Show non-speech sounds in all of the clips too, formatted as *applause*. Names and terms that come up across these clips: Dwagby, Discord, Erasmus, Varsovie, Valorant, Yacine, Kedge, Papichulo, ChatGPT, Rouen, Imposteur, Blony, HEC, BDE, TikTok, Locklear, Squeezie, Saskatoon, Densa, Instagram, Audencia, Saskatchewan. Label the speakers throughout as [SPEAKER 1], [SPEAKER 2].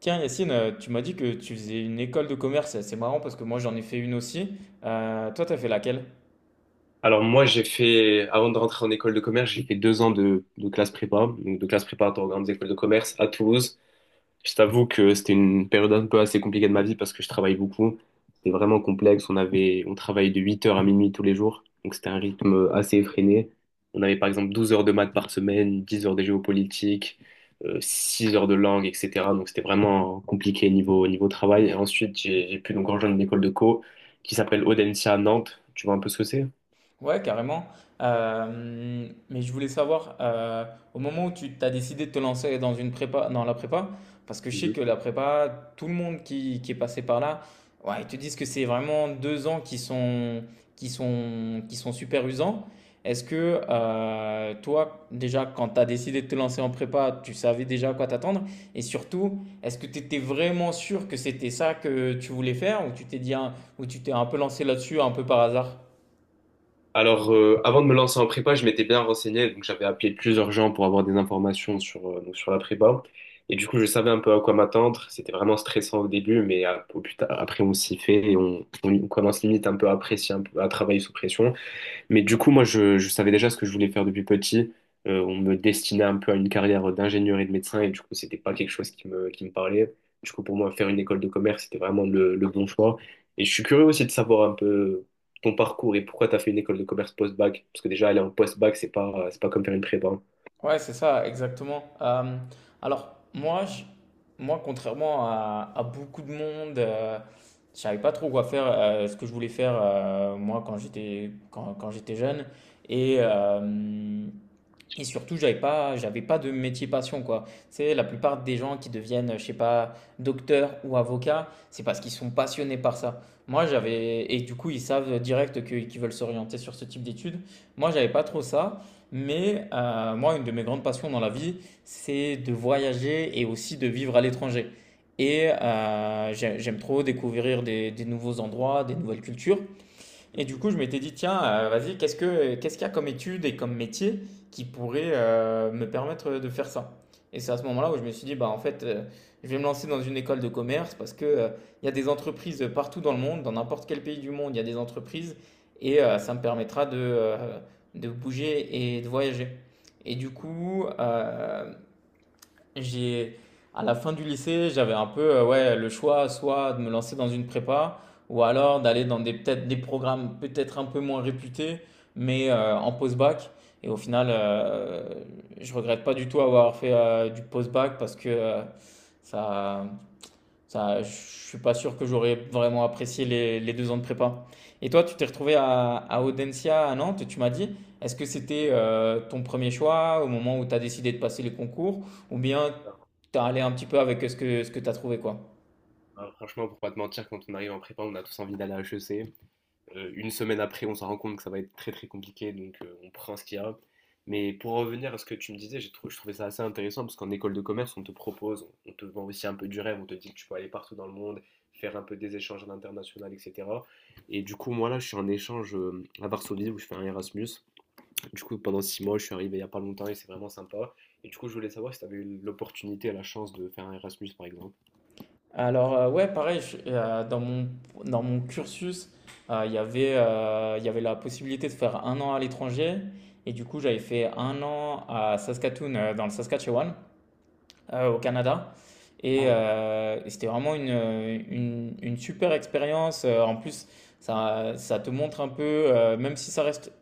[SPEAKER 1] Tiens, Yacine, tu m'as dit que tu faisais une école de commerce. C'est marrant parce que moi, j'en ai fait une aussi. Toi, t'as fait laquelle?
[SPEAKER 2] Alors moi, j'ai fait, avant de rentrer en école de commerce, j'ai fait 2 ans de classe prépa, donc de classe préparatoire aux grandes écoles de commerce à Toulouse. Je t'avoue que c'était une période un peu assez compliquée de ma vie parce que je travaille beaucoup. C'était vraiment complexe. On travaillait de 8 heures à minuit tous les jours, donc c'était un rythme assez effréné. On avait par exemple 12 heures de maths par semaine, 10 heures de géopolitique, 6 heures de langue, etc. Donc c'était vraiment compliqué niveau travail. Et ensuite, j'ai pu donc rejoindre une école de co qui s'appelle Audencia à Nantes. Tu vois un peu ce que c'est?
[SPEAKER 1] Ouais, carrément. Mais je voulais savoir, au moment où tu t'as décidé de te lancer dans une prépa, dans la prépa, parce que je sais que la prépa, tout le monde qui est passé par là, ouais, ils te disent que c'est vraiment 2 ans qui sont super usants. Est-ce que toi, déjà, quand tu as décidé de te lancer en prépa, tu savais déjà à quoi t'attendre? Et surtout, est-ce que tu étais vraiment sûr que c'était ça que tu voulais faire ou tu t'es un peu lancé là-dessus un peu par hasard?
[SPEAKER 2] Alors, avant de me lancer en prépa, je m'étais bien renseigné, donc j'avais appelé plusieurs gens pour avoir des informations sur la prépa. Et du coup, je savais un peu à quoi m'attendre. C'était vraiment stressant au début, mais après, on s'y fait et on commence limite un peu à apprécier, un peu, à travailler sous pression. Mais du coup, moi, je savais déjà ce que je voulais faire depuis petit. On me destinait un peu à une carrière d'ingénieur et de médecin, et du coup, c'était pas quelque chose qui me parlait. Du coup, pour moi, faire une école de commerce, c'était vraiment le bon choix. Et je suis curieux aussi de savoir un peu ton parcours et pourquoi tu as fait une école de commerce post-bac. Parce que déjà, aller en post-bac, c'est pas comme faire une prépa.
[SPEAKER 1] Ouais, c'est ça, exactement. Alors, moi, je- moi, contrairement à beaucoup de monde, je savais pas trop quoi faire, ce que je voulais faire, moi, quand j'étais jeune. Et, euh, et surtout, j'avais pas de métier passion, quoi. C'est la plupart des gens qui deviennent, je sais pas, docteur ou avocat, c'est parce qu'ils sont passionnés par ça. Moi, et du coup, ils savent direct qu'ils veulent s'orienter sur ce type d'études. Moi, j'avais pas trop ça, mais moi, une de mes grandes passions dans la vie, c'est de voyager et aussi de vivre à l'étranger. Et j'aime trop découvrir des nouveaux endroits, des nouvelles cultures. Et du
[SPEAKER 2] Mhm,
[SPEAKER 1] coup, je m'étais dit, tiens, vas-y, qu'est-ce qu'il y a comme étude et comme métier qui pourrait me permettre de faire ça? Et c'est à ce moment-là où je me suis dit, bah, en fait, je vais me lancer dans une école de commerce parce que, il y a des entreprises partout dans le monde, dans n'importe quel pays du monde, il y a des entreprises et
[SPEAKER 2] mhm,
[SPEAKER 1] ça me permettra de bouger et de voyager. Et du
[SPEAKER 2] mhm.
[SPEAKER 1] coup, j'ai, à la fin du lycée, j'avais un peu ouais, le choix soit de me lancer dans une prépa ou alors d'aller dans des, peut-être des programmes peut-être un peu moins réputés, mais en post-bac. Et au final, je regrette pas du tout avoir fait du post-bac parce que ça, je suis pas sûr que j'aurais vraiment apprécié les 2 ans de prépa. Et toi, tu t'es retrouvé à Audencia à Nantes, tu m'as dit. Est-ce que c'était ton premier choix au moment où tu as décidé de passer les concours ou bien
[SPEAKER 2] Alors,
[SPEAKER 1] tu as allé un petit peu avec ce que tu as trouvé quoi?
[SPEAKER 2] bah, franchement, pour pas te mentir, quand on arrive en prépa, on a tous envie d'aller à HEC. Une semaine après, on se rend compte que ça va être très très compliqué, donc on prend ce qu'il y a. Mais pour revenir à ce que tu me disais, je trouvais ça assez intéressant parce qu'en école de commerce, on te propose, on te vend aussi un peu du rêve, on te dit que tu peux aller partout dans le monde, faire un peu des échanges à l'international, etc. Et du coup, moi là, je suis en échange à Varsovie où je fais un Erasmus. Du coup, pendant 6 mois, je suis arrivé il n'y a pas longtemps et c'est vraiment sympa. Et du coup, je voulais savoir si tu avais eu l'opportunité, la chance de faire un Erasmus par exemple.
[SPEAKER 1] Alors, ouais, pareil, dans mon cursus, il y avait la possibilité de faire un an à l'étranger. Et du coup, j'avais fait un an à Saskatoon, dans le Saskatchewan, au Canada. Et,
[SPEAKER 2] Ah, d'accord.
[SPEAKER 1] euh, et c'était vraiment une super expérience. En plus, ça te montre un peu, même si ça reste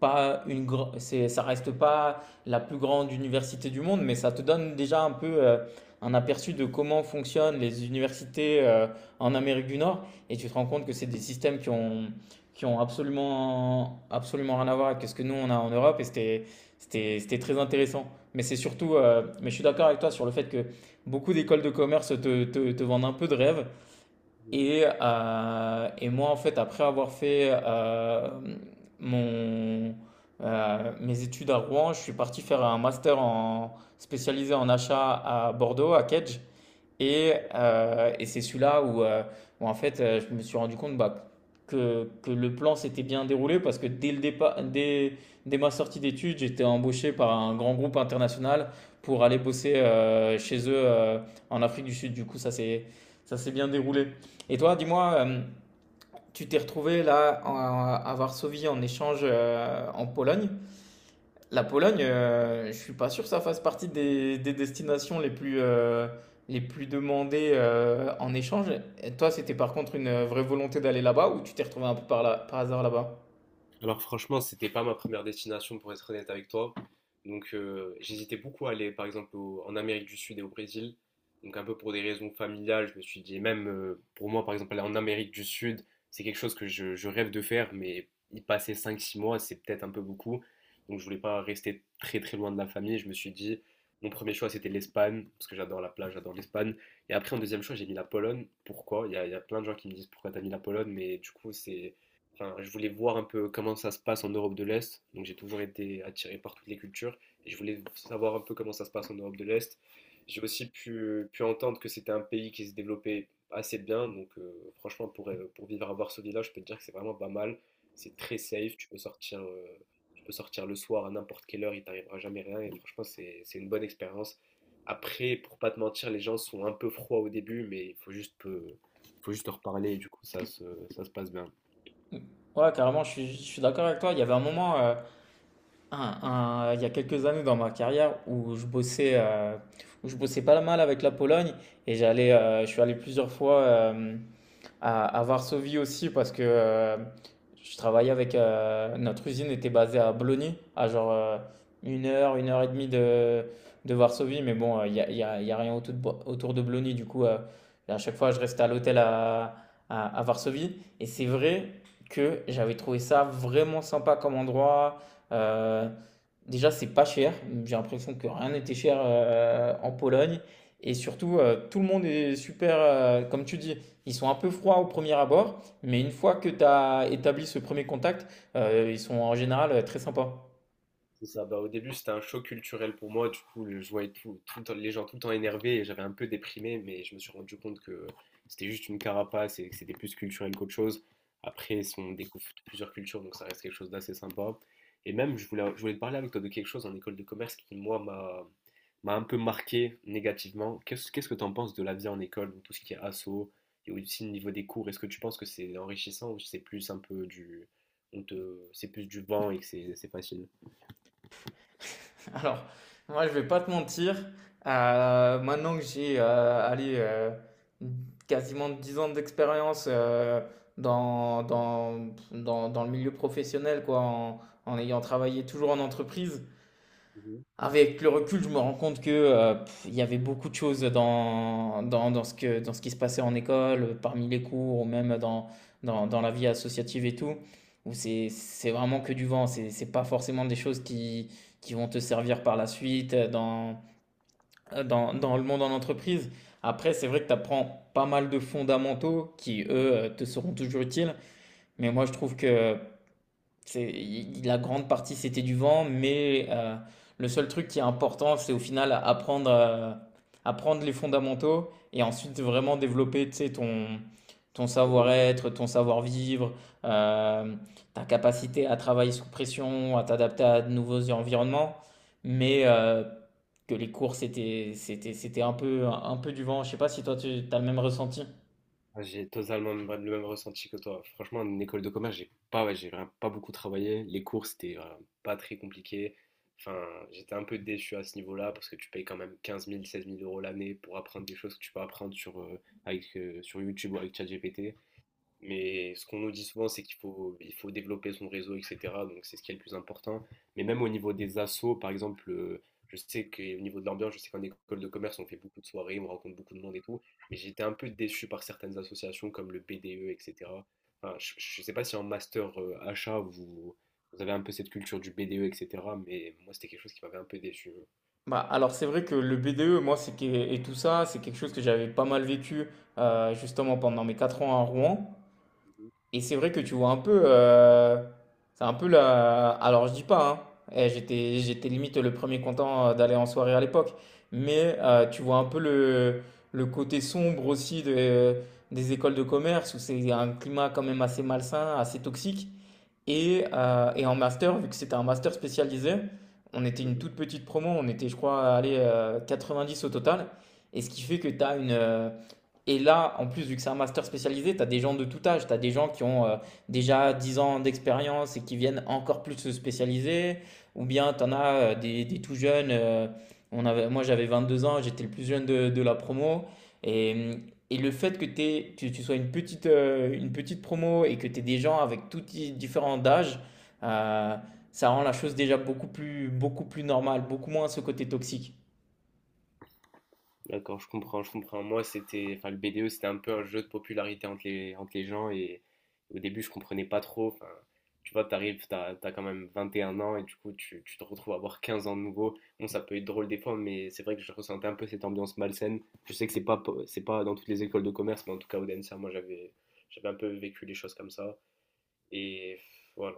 [SPEAKER 1] pas une gr- c'est ça reste pas la plus grande université du monde, mais ça te donne déjà un peu un aperçu de comment fonctionnent les universités en Amérique du Nord. Et tu te rends compte que c'est des systèmes qui ont absolument absolument rien à voir avec ce que nous on a en Europe. Et c'était très intéressant, mais c'est surtout mais je suis d'accord avec toi sur le fait que beaucoup d'écoles de commerce te vendent un peu de rêve.
[SPEAKER 2] Oui.
[SPEAKER 1] Et, et moi, en fait, après avoir fait mon, mes études à Rouen, je suis parti faire un master spécialisé en achat à Bordeaux, à Kedge. Et c'est celui-là où, en fait, je me suis rendu compte bah, que le plan s'était bien déroulé parce que dès le départ, dès ma sortie d'études, j'étais embauché par un grand groupe international pour aller bosser chez eux en Afrique du Sud. Du coup, ça s'est bien déroulé. Et toi, dis-moi, tu t'es retrouvé là en- à Varsovie en échange en Pologne. La Pologne, je suis pas sûr que ça fasse partie des destinations les plus demandées en échange. Et toi, c'était par contre une vraie volonté d'aller là-bas ou tu t'es retrouvé un peu par hasard là-bas?
[SPEAKER 2] Alors franchement, c'était pas ma première destination pour être honnête avec toi. Donc j'hésitais beaucoup à aller par exemple en Amérique du Sud et au Brésil. Donc un peu pour des raisons familiales, je me suis dit, et même pour moi par exemple aller en Amérique du Sud, c'est quelque chose que je rêve de faire, mais y passer 5, 6 mois, c'est peut-être un peu beaucoup. Donc je voulais pas rester très très loin de la famille. Je me suis dit, mon premier choix c'était l'Espagne, parce que j'adore la plage, j'adore l'Espagne. Et après en deuxième choix, j'ai mis la Pologne. Pourquoi? Il y a plein de gens qui me disent pourquoi t'as mis la Pologne, mais du coup c'est enfin, je voulais voir un peu comment ça se passe en Europe de l'Est. Donc j'ai toujours été attiré par toutes les cultures et je voulais savoir un peu comment ça se passe en Europe de l'Est. J'ai aussi pu entendre que c'était un pays qui se développait assez bien. Donc franchement, pour vivre à Varsovie-là, je peux te dire que c'est vraiment pas mal. C'est très safe, tu peux sortir le soir à n'importe quelle heure, il t'arrivera jamais rien. Et franchement, c'est une bonne expérience. Après, pour pas te mentir, les gens sont un peu froids au début, mais il faut juste leur parler et du coup, ça se passe bien.
[SPEAKER 1] Ouais, carrément, je suis d'accord avec toi. Il y avait un moment, un- il y a quelques années dans ma carrière où je bossais pas mal avec la Pologne. Et j'allais, je suis allé plusieurs fois, à Varsovie aussi parce que je travaillais avec notre usine était basée à Blony, à genre une heure et demie de Varsovie. Mais bon, il n'y a, y a- y a rien autour autour de Blony. Du coup, à chaque fois, je restais à l'hôtel à Varsovie, et c'est vrai que j'avais trouvé ça vraiment sympa comme endroit. Euh, déjà, c'est pas cher, j'ai l'impression que rien n'était cher en Pologne, et surtout, tout le monde est super, comme tu dis. Ils sont un peu froids au premier abord, mais une fois que tu as établi ce premier contact, ils sont en général très sympas.
[SPEAKER 2] C'est ça. Bah, au début, c'était un choc culturel pour moi. Du coup, je voyais les gens tout le temps énervés et j'avais un peu déprimé, mais je me suis rendu compte que c'était juste une carapace et que c'était plus culturel qu'autre chose. Après, si on découvre plusieurs cultures, donc ça reste quelque chose d'assez sympa. Et même, je voulais te parler avec toi de quelque chose en école de commerce qui, moi, m'a un peu marqué négativement. Qu'est-ce que tu en penses de la vie en école, donc tout ce qui est asso et aussi le niveau des cours? Est-ce que tu penses que c'est enrichissant ou c'est plus un peu c'est plus du vent et que c'est facile?
[SPEAKER 1] *laughs* Alors, moi, je vais pas te mentir, maintenant que quasiment 10 ans d'expérience dans le milieu professionnel, quoi, en ayant travaillé toujours en entreprise. Avec le recul, je me rends compte il y avait beaucoup de choses dans dans dans ce que dans ce qui se passait en école, parmi les cours ou même dans dans dans la vie associative et tout, où c'est vraiment que du vent. C'est pas forcément des choses qui vont te servir par la suite, dans le monde en entreprise. Après, c'est vrai que tu apprends pas mal de fondamentaux qui, eux, te seront toujours utiles. Mais moi, je trouve que la grande partie, c'était du vent, mais le seul truc qui est important, c'est au final apprendre, apprendre les fondamentaux et ensuite vraiment développer, tu sais, ton
[SPEAKER 2] T'as raison.
[SPEAKER 1] savoir-être, ton savoir-vivre, euh, ta capacité à travailler sous pression, à t'adapter à de nouveaux environnements. Mais que les cours, c'était un peu du vent. Je sais pas si toi, tu as le même ressenti.
[SPEAKER 2] Ah, j'ai totalement le même ressenti que toi. Franchement, en école de commerce, j'ai pas, ouais, j'ai vraiment pas beaucoup travaillé. Les cours, c'était pas très compliqué. Enfin, j'étais un peu déçu à ce niveau-là parce que tu payes quand même 15 000, 16 000 euros l'année pour apprendre des choses que tu peux apprendre sur YouTube ou avec ChatGPT. Mais ce qu'on nous dit souvent, c'est qu'il faut développer son réseau, etc. Donc c'est ce qui est le plus important. Mais même au niveau des assos, par exemple, je sais qu'au niveau de l'ambiance, je sais qu'en école de commerce, on fait beaucoup de soirées, on rencontre beaucoup de monde et tout. Mais j'étais un peu déçu par certaines associations comme le BDE, etc. Enfin, je ne sais pas si en master achat, vous, vous avez un peu cette culture du BDE, etc. Mais moi, c'était quelque chose qui m'avait un peu déçu.
[SPEAKER 1] Bah, alors c'est vrai que le BDE, moi, et tout ça, c'est quelque chose que j'avais pas mal vécu justement pendant mes 4 ans à Rouen.
[SPEAKER 2] Mhm,
[SPEAKER 1] Et c'est vrai que tu vois un peu, c'est un peu la. Alors je dis pas, hein, eh, j'étais limite le premier content d'aller en soirée à l'époque, mais tu vois un peu le côté sombre des écoles de commerce où c'est un climat quand même assez malsain, assez toxique. Et en master, vu que c'était un master spécialisé, on était une
[SPEAKER 2] mhm.
[SPEAKER 1] toute petite promo, on était, je crois, allez, 90 au total. Et ce qui fait que tu as et là, en plus, vu que c'est un master spécialisé, tu as des gens de tout âge. Tu as des gens qui ont déjà 10 ans d'expérience et qui viennent encore plus se spécialiser. Ou bien tu en as des tout jeunes. On avait, moi, j'avais 22 ans, j'étais le plus jeune de la promo. Et, et le fait que tu sois une petite promo et que tu aies des gens avec différents d'âge, euh, ça rend la chose déjà beaucoup plus normale, beaucoup moins ce côté toxique.
[SPEAKER 2] D'accord, je comprends, je comprends. Moi, c'était, enfin, le BDE, c'était un peu un jeu de popularité entre les gens et au début, je comprenais pas trop. Enfin, tu vois, t'arrives, t'as quand même 21 ans et du coup, tu te retrouves à avoir 15 ans de nouveau. Bon, ça peut être drôle des fois, mais c'est vrai que je ressentais un peu cette ambiance malsaine. Je sais que c'est pas dans toutes les écoles de commerce, mais en tout cas, au Densa, moi, j'avais un peu vécu les choses comme ça. Et voilà,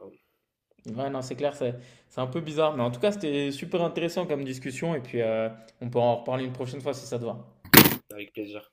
[SPEAKER 1] Ouais, non, c'est clair, c'est un peu bizarre. Mais en tout cas, c'était super intéressant comme discussion. Et puis, on peut en reparler une prochaine fois si ça te va.
[SPEAKER 2] avec plaisir.